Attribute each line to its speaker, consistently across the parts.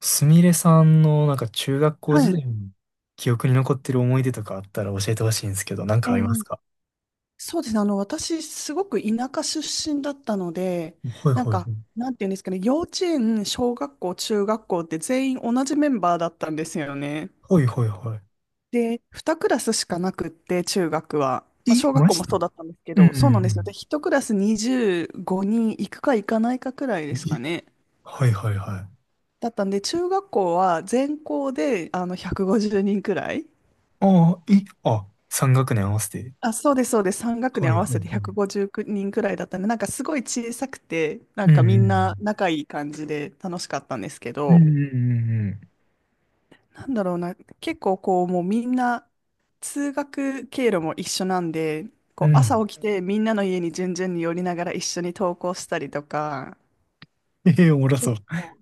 Speaker 1: すみれさんのなんか中学校
Speaker 2: は
Speaker 1: 時
Speaker 2: い。
Speaker 1: 代の記憶に残ってる思い出とかあったら教えてほしいんですけど、なん
Speaker 2: え
Speaker 1: かあります
Speaker 2: ー
Speaker 1: か？
Speaker 2: そうですね。あの、私、すごく田舎出身だったので、
Speaker 1: はい
Speaker 2: なん
Speaker 1: はいは
Speaker 2: か、
Speaker 1: い。
Speaker 2: なんていうんですかね、幼稚園、小学校、中学校って全員同じメンバーだったんですよね。
Speaker 1: はいはいは
Speaker 2: で、2クラスしかなくって、中学は。まあ、
Speaker 1: い。え、
Speaker 2: 小学
Speaker 1: マ
Speaker 2: 校
Speaker 1: ジ
Speaker 2: も
Speaker 1: で？
Speaker 2: そうだったんですけ
Speaker 1: うんう
Speaker 2: ど、そうなんですよ。で、
Speaker 1: ん
Speaker 2: 1クラス25人行くか行かないかくらい
Speaker 1: う
Speaker 2: で
Speaker 1: ん。
Speaker 2: すか
Speaker 1: え、
Speaker 2: ね。
Speaker 1: はいはいはい。
Speaker 2: だったんで、中学校は全校で、150人ごじゅうにんくらい。
Speaker 1: ああ、え、あ、三学年合わせて。
Speaker 2: あ、そうです、そうです。3学
Speaker 1: は
Speaker 2: 年合
Speaker 1: いは
Speaker 2: わ
Speaker 1: いは
Speaker 2: せ
Speaker 1: い。
Speaker 2: て150人ごじゅうきゅうにんくらいだったんで、なんかすごい小さくて、なん
Speaker 1: う
Speaker 2: かみんな
Speaker 1: ん
Speaker 2: 仲いい感じで楽しかったんですけ
Speaker 1: うん。
Speaker 2: ど、
Speaker 1: うんうん
Speaker 2: なんだろうな、結構こう、もうみんな通学経路も一緒なんで、
Speaker 1: う
Speaker 2: こ
Speaker 1: んう
Speaker 2: う
Speaker 1: ん。うん。
Speaker 2: 朝起きてみんなの家に順々に寄りながら一緒に登校したりとか、
Speaker 1: ええ、おもろそう。
Speaker 2: 結構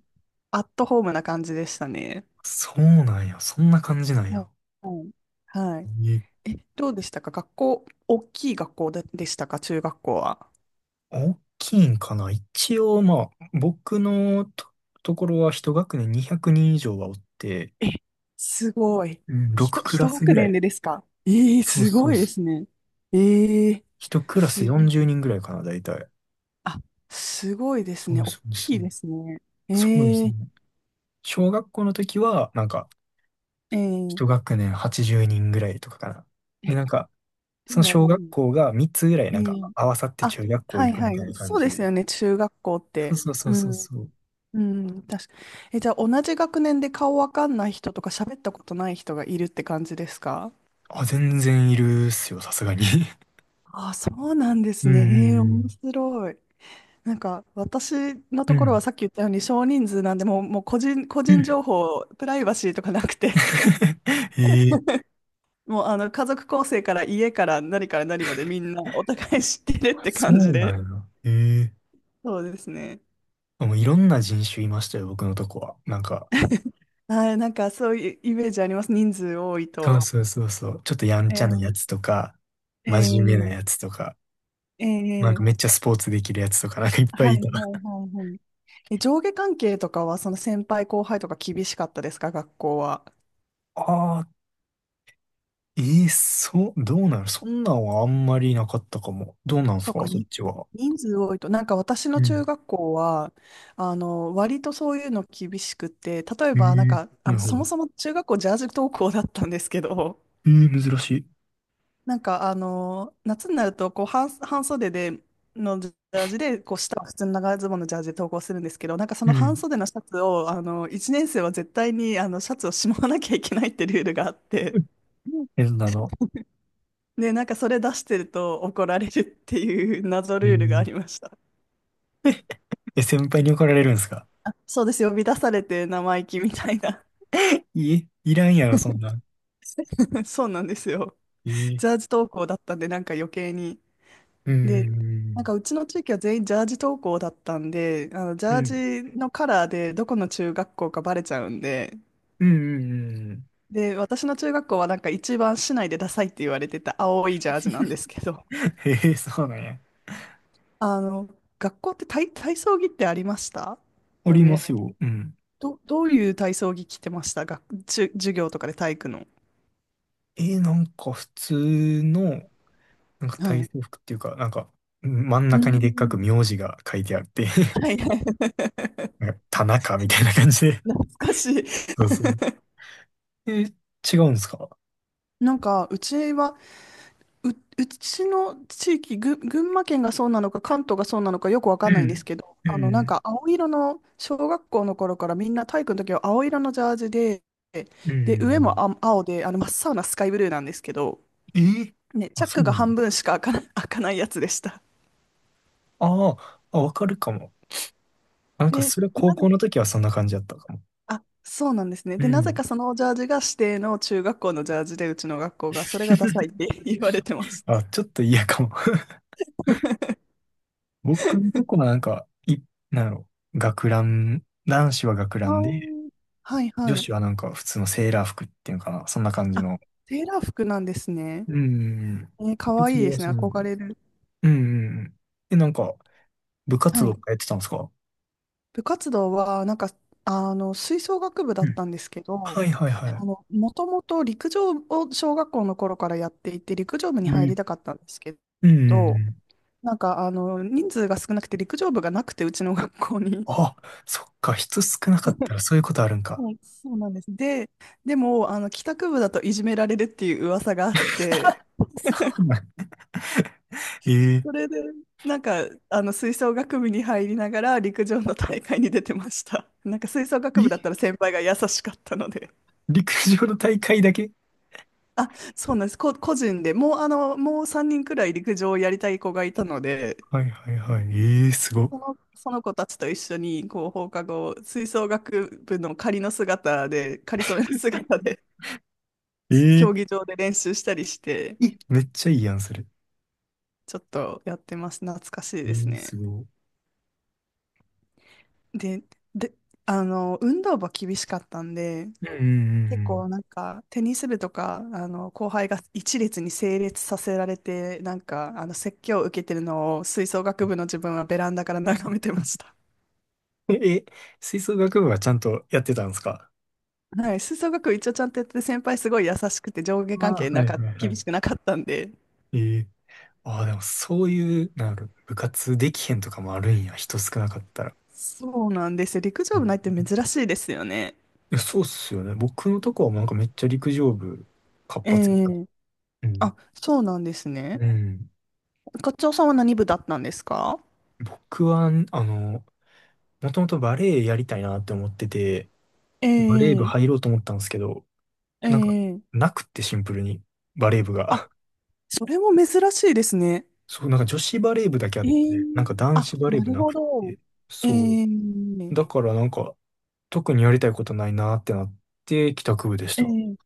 Speaker 2: アットホームな感じでしたね。
Speaker 1: そうなんや。そんな感じなん
Speaker 2: は
Speaker 1: や。
Speaker 2: い。はい。
Speaker 1: え
Speaker 2: え、どうでしたか学校、大きい学校でしたか中学校は。
Speaker 1: 大きいんかな一応。まあ、僕のと、ところは一学年200人以上はおって、
Speaker 2: え、すごい。ひ
Speaker 1: 6
Speaker 2: と、
Speaker 1: クラ
Speaker 2: 一
Speaker 1: ス
Speaker 2: 学
Speaker 1: ぐら
Speaker 2: 年
Speaker 1: い。
Speaker 2: でですか？ええ、
Speaker 1: そう
Speaker 2: す
Speaker 1: そ
Speaker 2: ご
Speaker 1: う
Speaker 2: いで
Speaker 1: そう。
Speaker 2: すね。ええ、
Speaker 1: 一クラス
Speaker 2: すごい。
Speaker 1: 40人ぐらいかな、大体。
Speaker 2: あ、すごいです
Speaker 1: そ
Speaker 2: ね。
Speaker 1: う
Speaker 2: 大
Speaker 1: そうそ
Speaker 2: きい
Speaker 1: う。
Speaker 2: ですね。え
Speaker 1: そうです
Speaker 2: ええ
Speaker 1: ね。小学校の時は、なんか、
Speaker 2: ええ、
Speaker 1: 一学年80人ぐらいとかかな。で、なんか、
Speaker 2: で
Speaker 1: その
Speaker 2: も、う
Speaker 1: 小学
Speaker 2: ん、
Speaker 1: 校が3つぐらい、
Speaker 2: え
Speaker 1: なんか、
Speaker 2: え、
Speaker 1: 合わさって
Speaker 2: あ、
Speaker 1: 中学校
Speaker 2: は
Speaker 1: 行
Speaker 2: い
Speaker 1: くみ
Speaker 2: は
Speaker 1: た
Speaker 2: い。
Speaker 1: いな感
Speaker 2: そう
Speaker 1: じ
Speaker 2: です
Speaker 1: で。
Speaker 2: よね、中学校っ
Speaker 1: そう
Speaker 2: て。
Speaker 1: そうそ
Speaker 2: う
Speaker 1: うそう
Speaker 2: ん、
Speaker 1: そう。
Speaker 2: うん、確か。え、じゃあ、同じ学年で顔わかんない人とか喋ったことない人がいるって感じですか？
Speaker 1: あ、全然いるっすよ、さすがに。
Speaker 2: あ、そうなんで
Speaker 1: う
Speaker 2: すね。
Speaker 1: んう
Speaker 2: ええ、面
Speaker 1: ん
Speaker 2: 白い。なんか私の
Speaker 1: う
Speaker 2: ところは
Speaker 1: ん。
Speaker 2: さっき言ったように少人数なんで、もう個人、個
Speaker 1: う
Speaker 2: 人
Speaker 1: ん。
Speaker 2: 情報、プライバシーとかなくて、
Speaker 1: ええ、
Speaker 2: もう家族構成から家から何から何までみんなお互い知ってるって
Speaker 1: そう
Speaker 2: 感じ
Speaker 1: な
Speaker 2: で、
Speaker 1: んや。ええ。
Speaker 2: そうですね。
Speaker 1: あ、もういろんな人種いましたよ、僕のとこは。なんか、
Speaker 2: はい、なんかそういうイメージあります、人数多い
Speaker 1: そう
Speaker 2: と。
Speaker 1: そうそうそう。ちょっとやん
Speaker 2: え
Speaker 1: ちゃなや
Speaker 2: ー、
Speaker 1: つとか、
Speaker 2: え
Speaker 1: 真面目な
Speaker 2: ー、
Speaker 1: やつとか、
Speaker 2: え
Speaker 1: なんか
Speaker 2: ー、
Speaker 1: めっちゃスポーツできるやつとか、なんかいっぱ
Speaker 2: は
Speaker 1: い
Speaker 2: い
Speaker 1: い
Speaker 2: はい
Speaker 1: た。
Speaker 2: はいはい。え、上下関係とかはその先輩後輩とか厳しかったですか、学校は。
Speaker 1: ああ、ええ、そう。どうなの？そんなんはあんまりなかったかも。どうなんす
Speaker 2: そう
Speaker 1: か、
Speaker 2: か、
Speaker 1: そっちは？
Speaker 2: 人数多いと、なんか私の
Speaker 1: う
Speaker 2: 中
Speaker 1: ん。
Speaker 2: 学校は、割とそういうの厳しくて、例え
Speaker 1: え
Speaker 2: ば、なんか、
Speaker 1: え、はい
Speaker 2: そ
Speaker 1: は
Speaker 2: も
Speaker 1: い。
Speaker 2: そも中学校ジャージ登校だったんですけど、
Speaker 1: ええ、珍しい。
Speaker 2: なんか、夏になると、こう、半袖で、のジャージで、こう、下は普通の長ズボンのジャージで登校するんですけど、なんかそ
Speaker 1: う
Speaker 2: の半
Speaker 1: ん。
Speaker 2: 袖のシャツを、1年生は絶対に、シャツをしまわなきゃいけないってルールがあって、
Speaker 1: え、そんなの。
Speaker 2: で、なんかそれ出してると怒られるっていう謎ルールがあ
Speaker 1: え
Speaker 2: り
Speaker 1: え
Speaker 2: ました。
Speaker 1: え、先輩に怒られるんですか？
Speaker 2: あ、そうですよ。呼び出されて生意気みたいな。
Speaker 1: いえ、いらんやろ、そんなん。
Speaker 2: そうなんですよ。
Speaker 1: え
Speaker 2: ジャー
Speaker 1: え。
Speaker 2: ジ登校だったんで、なんか余計に。
Speaker 1: うー
Speaker 2: で、なん
Speaker 1: ん。
Speaker 2: かうちの地域は全員ジャージ登校だったんで、あのジ
Speaker 1: う
Speaker 2: ャ
Speaker 1: ん。
Speaker 2: ージのカラーでどこの中学校かバレちゃうんで、
Speaker 1: うん、うん、うんうん。
Speaker 2: で、私の中学校はなんか一番市内でダサいって言われてた青いジャージなんですけど、
Speaker 1: へえ、そうなんや。
Speaker 2: あの、学校って体操着ってありました
Speaker 1: あ
Speaker 2: よ
Speaker 1: りま
Speaker 2: ね。
Speaker 1: すよ。うん。
Speaker 2: どういう体操着着てました学、じゅ、授業とかで体育の。
Speaker 1: なんか普通の、なんか
Speaker 2: は
Speaker 1: 体
Speaker 2: い。
Speaker 1: 操服っていうか、なんか、うん、真ん
Speaker 2: う
Speaker 1: 中にでっか
Speaker 2: ん。
Speaker 1: く名字が書いてあって
Speaker 2: は いはい。
Speaker 1: なんか田中みたいな感じで。
Speaker 2: 懐かしい。
Speaker 1: そうそう。えー、違うんですか？
Speaker 2: なんか、う、うちの地域、群馬県がそうなのか、関東がそうなのか、よくわか
Speaker 1: う
Speaker 2: んないんです
Speaker 1: ん。
Speaker 2: けど、
Speaker 1: う
Speaker 2: なん
Speaker 1: ん。
Speaker 2: か、青色の、小学校の頃からみんな体育の時は青色のジャージで、
Speaker 1: う
Speaker 2: で、上も
Speaker 1: ん。
Speaker 2: 青で、真っ青なスカイブルーなんですけど、
Speaker 1: えー
Speaker 2: ね、チ
Speaker 1: あ、
Speaker 2: ャッ
Speaker 1: そ
Speaker 2: ク
Speaker 1: う
Speaker 2: が
Speaker 1: なの？
Speaker 2: 半分しか開かな、開かないやつでした。
Speaker 1: あーあ、わかるかも。なんか
Speaker 2: で、
Speaker 1: それ高
Speaker 2: なぜ、
Speaker 1: 校の時はそんな感じだったかも。
Speaker 2: あ、そうなんですね。
Speaker 1: う
Speaker 2: で、なぜ
Speaker 1: ん。
Speaker 2: かそのジャージが指定の中学校のジャージで、うちの学校が、それがダ サいって言われてます。
Speaker 1: あ、ちょっと嫌かも。僕のとこはなんか、なんやろ、学ラン、男子は学ラ
Speaker 2: あ
Speaker 1: ンで、
Speaker 2: ー、はい
Speaker 1: 女
Speaker 2: はい。
Speaker 1: 子はなんか普通のセーラー服っていうのかな、そんな感じ
Speaker 2: あ、
Speaker 1: の。
Speaker 2: セーラー服なんですね。
Speaker 1: うん。
Speaker 2: えー、か
Speaker 1: 服
Speaker 2: わいい
Speaker 1: 装
Speaker 2: で
Speaker 1: は
Speaker 2: すね。
Speaker 1: そうなんだ。
Speaker 2: 憧れる。
Speaker 1: うんうんうん。なんか、部活
Speaker 2: は
Speaker 1: 動
Speaker 2: い。
Speaker 1: とかやってたんですか？
Speaker 2: 部活動は、なんか、吹奏楽部だ
Speaker 1: う
Speaker 2: っ
Speaker 1: ん。
Speaker 2: たんですけど、
Speaker 1: はいはいは
Speaker 2: もともと陸上を小学校の頃からやっていて、陸上部に
Speaker 1: い。
Speaker 2: 入
Speaker 1: う
Speaker 2: り
Speaker 1: ん。
Speaker 2: たかったんですけ
Speaker 1: うんうんう
Speaker 2: ど、
Speaker 1: ん。
Speaker 2: なんか、人数が少なくて陸上部がなくて、うちの学校に。
Speaker 1: あ、そっか、人少なかったらそういうことあるん か。
Speaker 2: はい、そうなんです。で、でも、帰宅部だといじめられるっていう噂があって、
Speaker 1: そうなん？ え
Speaker 2: そ
Speaker 1: え
Speaker 2: れで、なんか、吹奏楽部に入りながら陸上の大会に出てました。なんか吹奏楽部だった
Speaker 1: え、
Speaker 2: ら先輩が優しかったので。
Speaker 1: 陸上の大会だけ？
Speaker 2: あ、そうなんです。個人でもう、3人くらい陸上をやりたい子がいたので、
Speaker 1: はいはいはい。えー、すご。
Speaker 2: その子たちと一緒に、こう、放課後、吹奏楽部の仮の姿で、仮染めの姿で、
Speaker 1: ええ
Speaker 2: 競技場で練習したりして、
Speaker 1: え、めっちゃいいやん、それ。
Speaker 2: ちょっとやってます。懐かしい
Speaker 1: え
Speaker 2: です
Speaker 1: ー、
Speaker 2: ね。
Speaker 1: すご。
Speaker 2: で、で、運動部は厳しかったんで、
Speaker 1: うんう
Speaker 2: 結
Speaker 1: ん
Speaker 2: 構なんかテニス部とかあの後輩が一列に整列させられてなんかあの説教を受けてるのを吹奏楽部の自分はベランダから眺めてました。
Speaker 1: うん。え、吹奏楽部はちゃんとやってたんですか？
Speaker 2: はい、吹奏楽部一応ちゃんとやってて先輩すごい優しくて上下
Speaker 1: あ
Speaker 2: 関係
Speaker 1: あ、はいはいは
Speaker 2: 厳し
Speaker 1: い。
Speaker 2: くなかったんで
Speaker 1: ええ。ああ、でもそういう、なんか部活できへんとかもあるんや、人少なかったら。
Speaker 2: そうなんですよ。陸
Speaker 1: う
Speaker 2: 上部
Speaker 1: ん。
Speaker 2: ないって珍しいですよね。
Speaker 1: いや、そうっすよね。僕のとこはもうなんかめっちゃ陸上部活
Speaker 2: え
Speaker 1: 発やったと。
Speaker 2: え、
Speaker 1: うん。
Speaker 2: あ、そうなんですね。
Speaker 1: うん。
Speaker 2: 課長さんは何部だったんですか？
Speaker 1: 僕は、もともとバレエやりたいなって思ってて、
Speaker 2: え
Speaker 1: バレエ部
Speaker 2: え、
Speaker 1: 入ろうと思ったんですけど、なんか、
Speaker 2: ええ、
Speaker 1: なくってシンプルに、バレエ部
Speaker 2: あ、
Speaker 1: が。
Speaker 2: それも珍しいですね。
Speaker 1: そう、なんか女子バレー部だけあ
Speaker 2: え
Speaker 1: って、なん
Speaker 2: ー、
Speaker 1: か男子
Speaker 2: あ、
Speaker 1: バレー
Speaker 2: な
Speaker 1: 部
Speaker 2: る
Speaker 1: な
Speaker 2: ほ
Speaker 1: く
Speaker 2: ど。
Speaker 1: て、
Speaker 2: え
Speaker 1: そう。
Speaker 2: ー、
Speaker 1: だからなんか、特にやりたいことないなってなって、帰宅部でし
Speaker 2: え
Speaker 1: た。
Speaker 2: ー、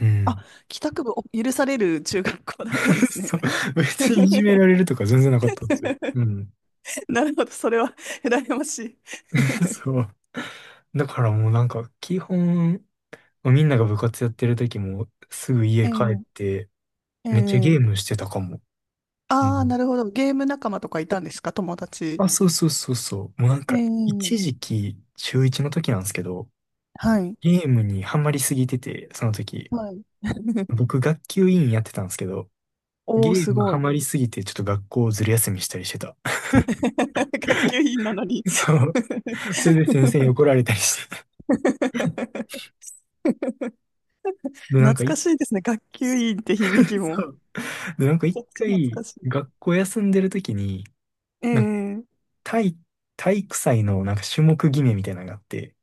Speaker 1: う
Speaker 2: あ、
Speaker 1: ん。
Speaker 2: 帰宅部を許される中学校だったんで すね。
Speaker 1: そう。別にいじめ られるとか全然なかったんですよ。うん。
Speaker 2: なるほど、それは 羨ましい。
Speaker 1: そう。だからもうなんか、基本、みんなが部活やってる時も、すぐ家
Speaker 2: え
Speaker 1: 帰っ
Speaker 2: ー、
Speaker 1: て、
Speaker 2: え
Speaker 1: めっちゃゲ
Speaker 2: ー、
Speaker 1: ームしてたかも。う
Speaker 2: ああ、な
Speaker 1: ん。
Speaker 2: るほど。ゲーム仲間とかいたんですか、友達。
Speaker 1: あ、そうそうそうそう。もうなん
Speaker 2: え
Speaker 1: か、
Speaker 2: ー、
Speaker 1: 一時期、中一の時なんですけど、
Speaker 2: はい、
Speaker 1: ゲームにハマりすぎてて、その時。
Speaker 2: はい。
Speaker 1: 僕、学級委員やってたんですけど、
Speaker 2: おー、
Speaker 1: ゲー
Speaker 2: す
Speaker 1: ム
Speaker 2: ご
Speaker 1: ハ
Speaker 2: い。
Speaker 1: マりすぎて、ちょっと学校ずる休みしたりしてた。
Speaker 2: 学級委員なのに
Speaker 1: そ う。それで先生に怒られたりして。で、なん
Speaker 2: 懐
Speaker 1: かい、
Speaker 2: かしいですね。学級委員って響き
Speaker 1: そ
Speaker 2: も。
Speaker 1: う。で、なんか
Speaker 2: め
Speaker 1: 一
Speaker 2: ちゃくちゃ懐
Speaker 1: 回、
Speaker 2: かしい。
Speaker 1: 学校休んでる時に、なんか
Speaker 2: ええ、
Speaker 1: 体、体育祭のなんか種目決めみたいなのがあって、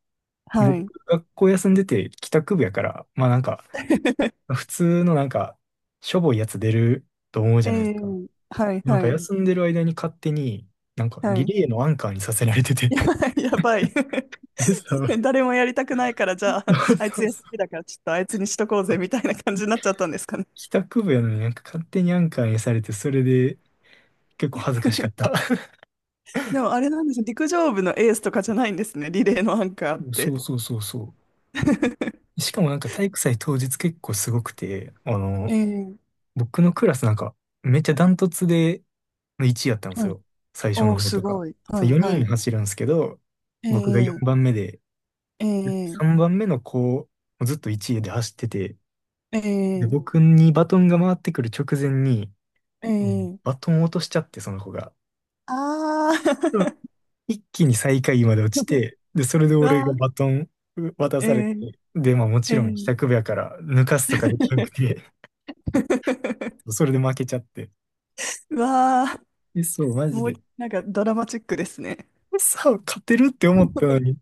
Speaker 2: は
Speaker 1: 僕、
Speaker 2: い。
Speaker 1: 学校休んでて帰宅部やから、まあなんか、普通のなんか、しょぼいやつ出ると思うじ
Speaker 2: え
Speaker 1: ゃないです
Speaker 2: え、
Speaker 1: か。
Speaker 2: はい
Speaker 1: なんか
Speaker 2: はい。
Speaker 1: 休んでる間に勝手に、なんか
Speaker 2: は
Speaker 1: リ
Speaker 2: い。
Speaker 1: レーのアンカーにさせられて て。
Speaker 2: やばい、やばい。
Speaker 1: え、そう。
Speaker 2: 誰もやりたくないから、じゃあ、あい
Speaker 1: そ
Speaker 2: つ
Speaker 1: うそ
Speaker 2: 休み
Speaker 1: う。
Speaker 2: だから、ちょっとあいつにしとこう
Speaker 1: あ、
Speaker 2: ぜ、みたいな感じになっちゃったんですかね。
Speaker 1: 帰宅部やのになんか勝手にアンカーにされて、それで結構恥ずかしかった。
Speaker 2: でも、あれなんですよ、陸上部のエースとかじゃないんですね。リレーのアンカーっ
Speaker 1: そ
Speaker 2: て。
Speaker 1: うそうそうそう。しかもなんか体育祭当日結構すごくて、
Speaker 2: ええ、
Speaker 1: 僕のクラスなんかめっちゃダントツで1位やったんです
Speaker 2: はい。
Speaker 1: よ。最初
Speaker 2: おー、
Speaker 1: の方
Speaker 2: す
Speaker 1: とか。
Speaker 2: ごい。は
Speaker 1: そう
Speaker 2: い、は
Speaker 1: 4人
Speaker 2: い。
Speaker 1: 走るんですけど、僕が4
Speaker 2: え
Speaker 1: 番
Speaker 2: え、
Speaker 1: 目で、で
Speaker 2: え
Speaker 1: 3
Speaker 2: え、
Speaker 1: 番目の子、もうずっと1位で走ってて、で、
Speaker 2: ええ、
Speaker 1: 僕にバトンが回ってくる直前に、
Speaker 2: ええ、
Speaker 1: バトンを落としちゃって、その子が。
Speaker 2: ああー、
Speaker 1: 一気に最下位まで落ち て、で、それで
Speaker 2: う
Speaker 1: 俺
Speaker 2: わ
Speaker 1: が
Speaker 2: あ、
Speaker 1: バトン渡
Speaker 2: え
Speaker 1: されて、
Speaker 2: え
Speaker 1: で、まあもち
Speaker 2: え
Speaker 1: ろん帰
Speaker 2: え、
Speaker 1: 宅部やから抜かすとかできなくて、それで負けちゃって。
Speaker 2: うわあ、
Speaker 1: え、そう、マジ
Speaker 2: もう、
Speaker 1: で。
Speaker 2: なんかドラマチックですね。
Speaker 1: さあ、勝てるって思ったの に、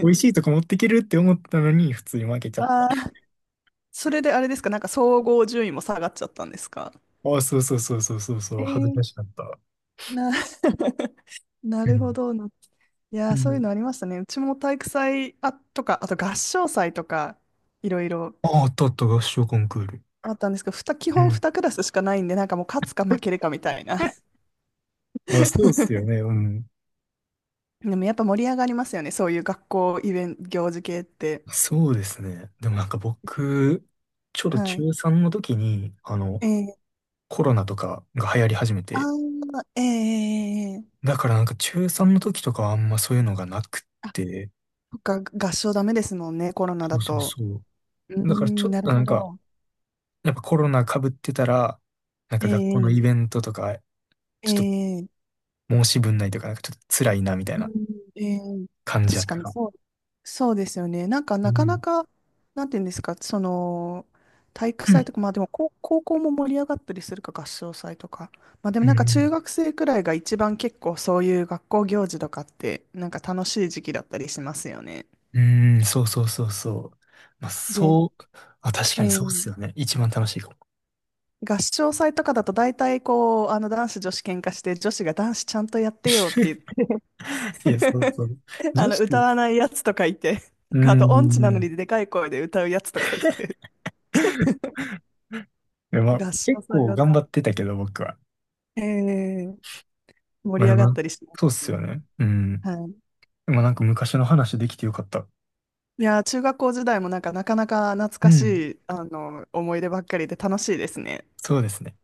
Speaker 1: 美味し
Speaker 2: え、
Speaker 1: いとこ持ってけるって思ったのに、普通に負けちゃっ
Speaker 2: ああー、それであれですか、なんか総合順位も下がっちゃったんですか？
Speaker 1: た。あ、そうそうそうそうそうそ
Speaker 2: え
Speaker 1: う、恥ずか
Speaker 2: ー
Speaker 1: しかった。
Speaker 2: な、な
Speaker 1: う
Speaker 2: るほ
Speaker 1: ん。
Speaker 2: どな。いや
Speaker 1: う
Speaker 2: ー、そういう
Speaker 1: ん。
Speaker 2: のありましたね。うちも体育祭とか、あと合唱祭とか、いろいろ
Speaker 1: あ、あったあった、合唱コンクール。
Speaker 2: あったんですけど、基
Speaker 1: う
Speaker 2: 本2
Speaker 1: ん。
Speaker 2: クラスしかないんで、なんかもう勝つか負けるかみたいな。
Speaker 1: あ、そうっすよ ね。うん。
Speaker 2: でもやっぱ盛り上がりますよね、そういう学校イベント、行事系って。
Speaker 1: そうですね。でもなんか僕、ちょうど
Speaker 2: はい。
Speaker 1: 中3の時に、
Speaker 2: えー、
Speaker 1: コロナとかが流行り始め
Speaker 2: あ
Speaker 1: て、
Speaker 2: ー、ええ、えー、えー、
Speaker 1: だからなんか中3の時とかはあんまそういうのがなくって、
Speaker 2: そっか、合唱ダメですもんね、コロナ
Speaker 1: そ
Speaker 2: だ
Speaker 1: うそう
Speaker 2: と。
Speaker 1: そ
Speaker 2: う
Speaker 1: う。
Speaker 2: ー
Speaker 1: だから
Speaker 2: ん、
Speaker 1: ちょっ
Speaker 2: なる
Speaker 1: とな
Speaker 2: ほ
Speaker 1: んか、
Speaker 2: ど。
Speaker 1: やっぱコロナ被ってたら、なんか学校のイ
Speaker 2: え
Speaker 1: ベ
Speaker 2: え
Speaker 1: ントとか、ちょっ
Speaker 2: ええ、
Speaker 1: と申し分ないとか、なんかちょっと辛いなみたい
Speaker 2: う
Speaker 1: な
Speaker 2: ん、ええ、
Speaker 1: 感じやっ
Speaker 2: 確か
Speaker 1: た
Speaker 2: に
Speaker 1: か。
Speaker 2: そう、そうですよね。なんか、
Speaker 1: う
Speaker 2: なかな
Speaker 1: ん。
Speaker 2: か、なんていうんですか、その、体育
Speaker 1: う
Speaker 2: 祭
Speaker 1: ん。
Speaker 2: とか、まあでも高校も盛り上がったりするか、合唱祭とか。まあで
Speaker 1: う
Speaker 2: もなんか、
Speaker 1: ん、
Speaker 2: 中学生くらいが一番結構そういう学校行事とかって、なんか楽しい時期だったりしますよね。
Speaker 1: うん、そうそうそうそう。まあ、
Speaker 2: で、
Speaker 1: そう、あ、確かにそうっす
Speaker 2: え
Speaker 1: よ
Speaker 2: え、
Speaker 1: ね。一番楽しいかも。
Speaker 2: 合唱祭とかだと大体こう、あの男子女子喧嘩して、女子が男子ちゃんとやってよって言っ
Speaker 1: いや、そう
Speaker 2: て
Speaker 1: そう。
Speaker 2: あ
Speaker 1: 女
Speaker 2: の歌
Speaker 1: 子、
Speaker 2: わないやつとかいて、
Speaker 1: う
Speaker 2: あと音痴なの
Speaker 1: ん。
Speaker 2: にでかい声で歌うやつとかいて、
Speaker 1: でまあ、
Speaker 2: 合唱
Speaker 1: 結
Speaker 2: 祭
Speaker 1: 構
Speaker 2: が、
Speaker 1: 頑張ってたけど、僕は。
Speaker 2: えー
Speaker 1: ま
Speaker 2: 盛
Speaker 1: あ
Speaker 2: り
Speaker 1: で
Speaker 2: 上がっ
Speaker 1: も、
Speaker 2: たりしまし
Speaker 1: そうっ
Speaker 2: た
Speaker 1: す
Speaker 2: ね。
Speaker 1: よね。うん。
Speaker 2: はい。
Speaker 1: でもなんか昔の話できてよかった。
Speaker 2: いやー、中学校時代もなんかなかなか懐
Speaker 1: う
Speaker 2: か
Speaker 1: ん。
Speaker 2: しい、思い出ばっかりで楽しいですね。
Speaker 1: そうですね。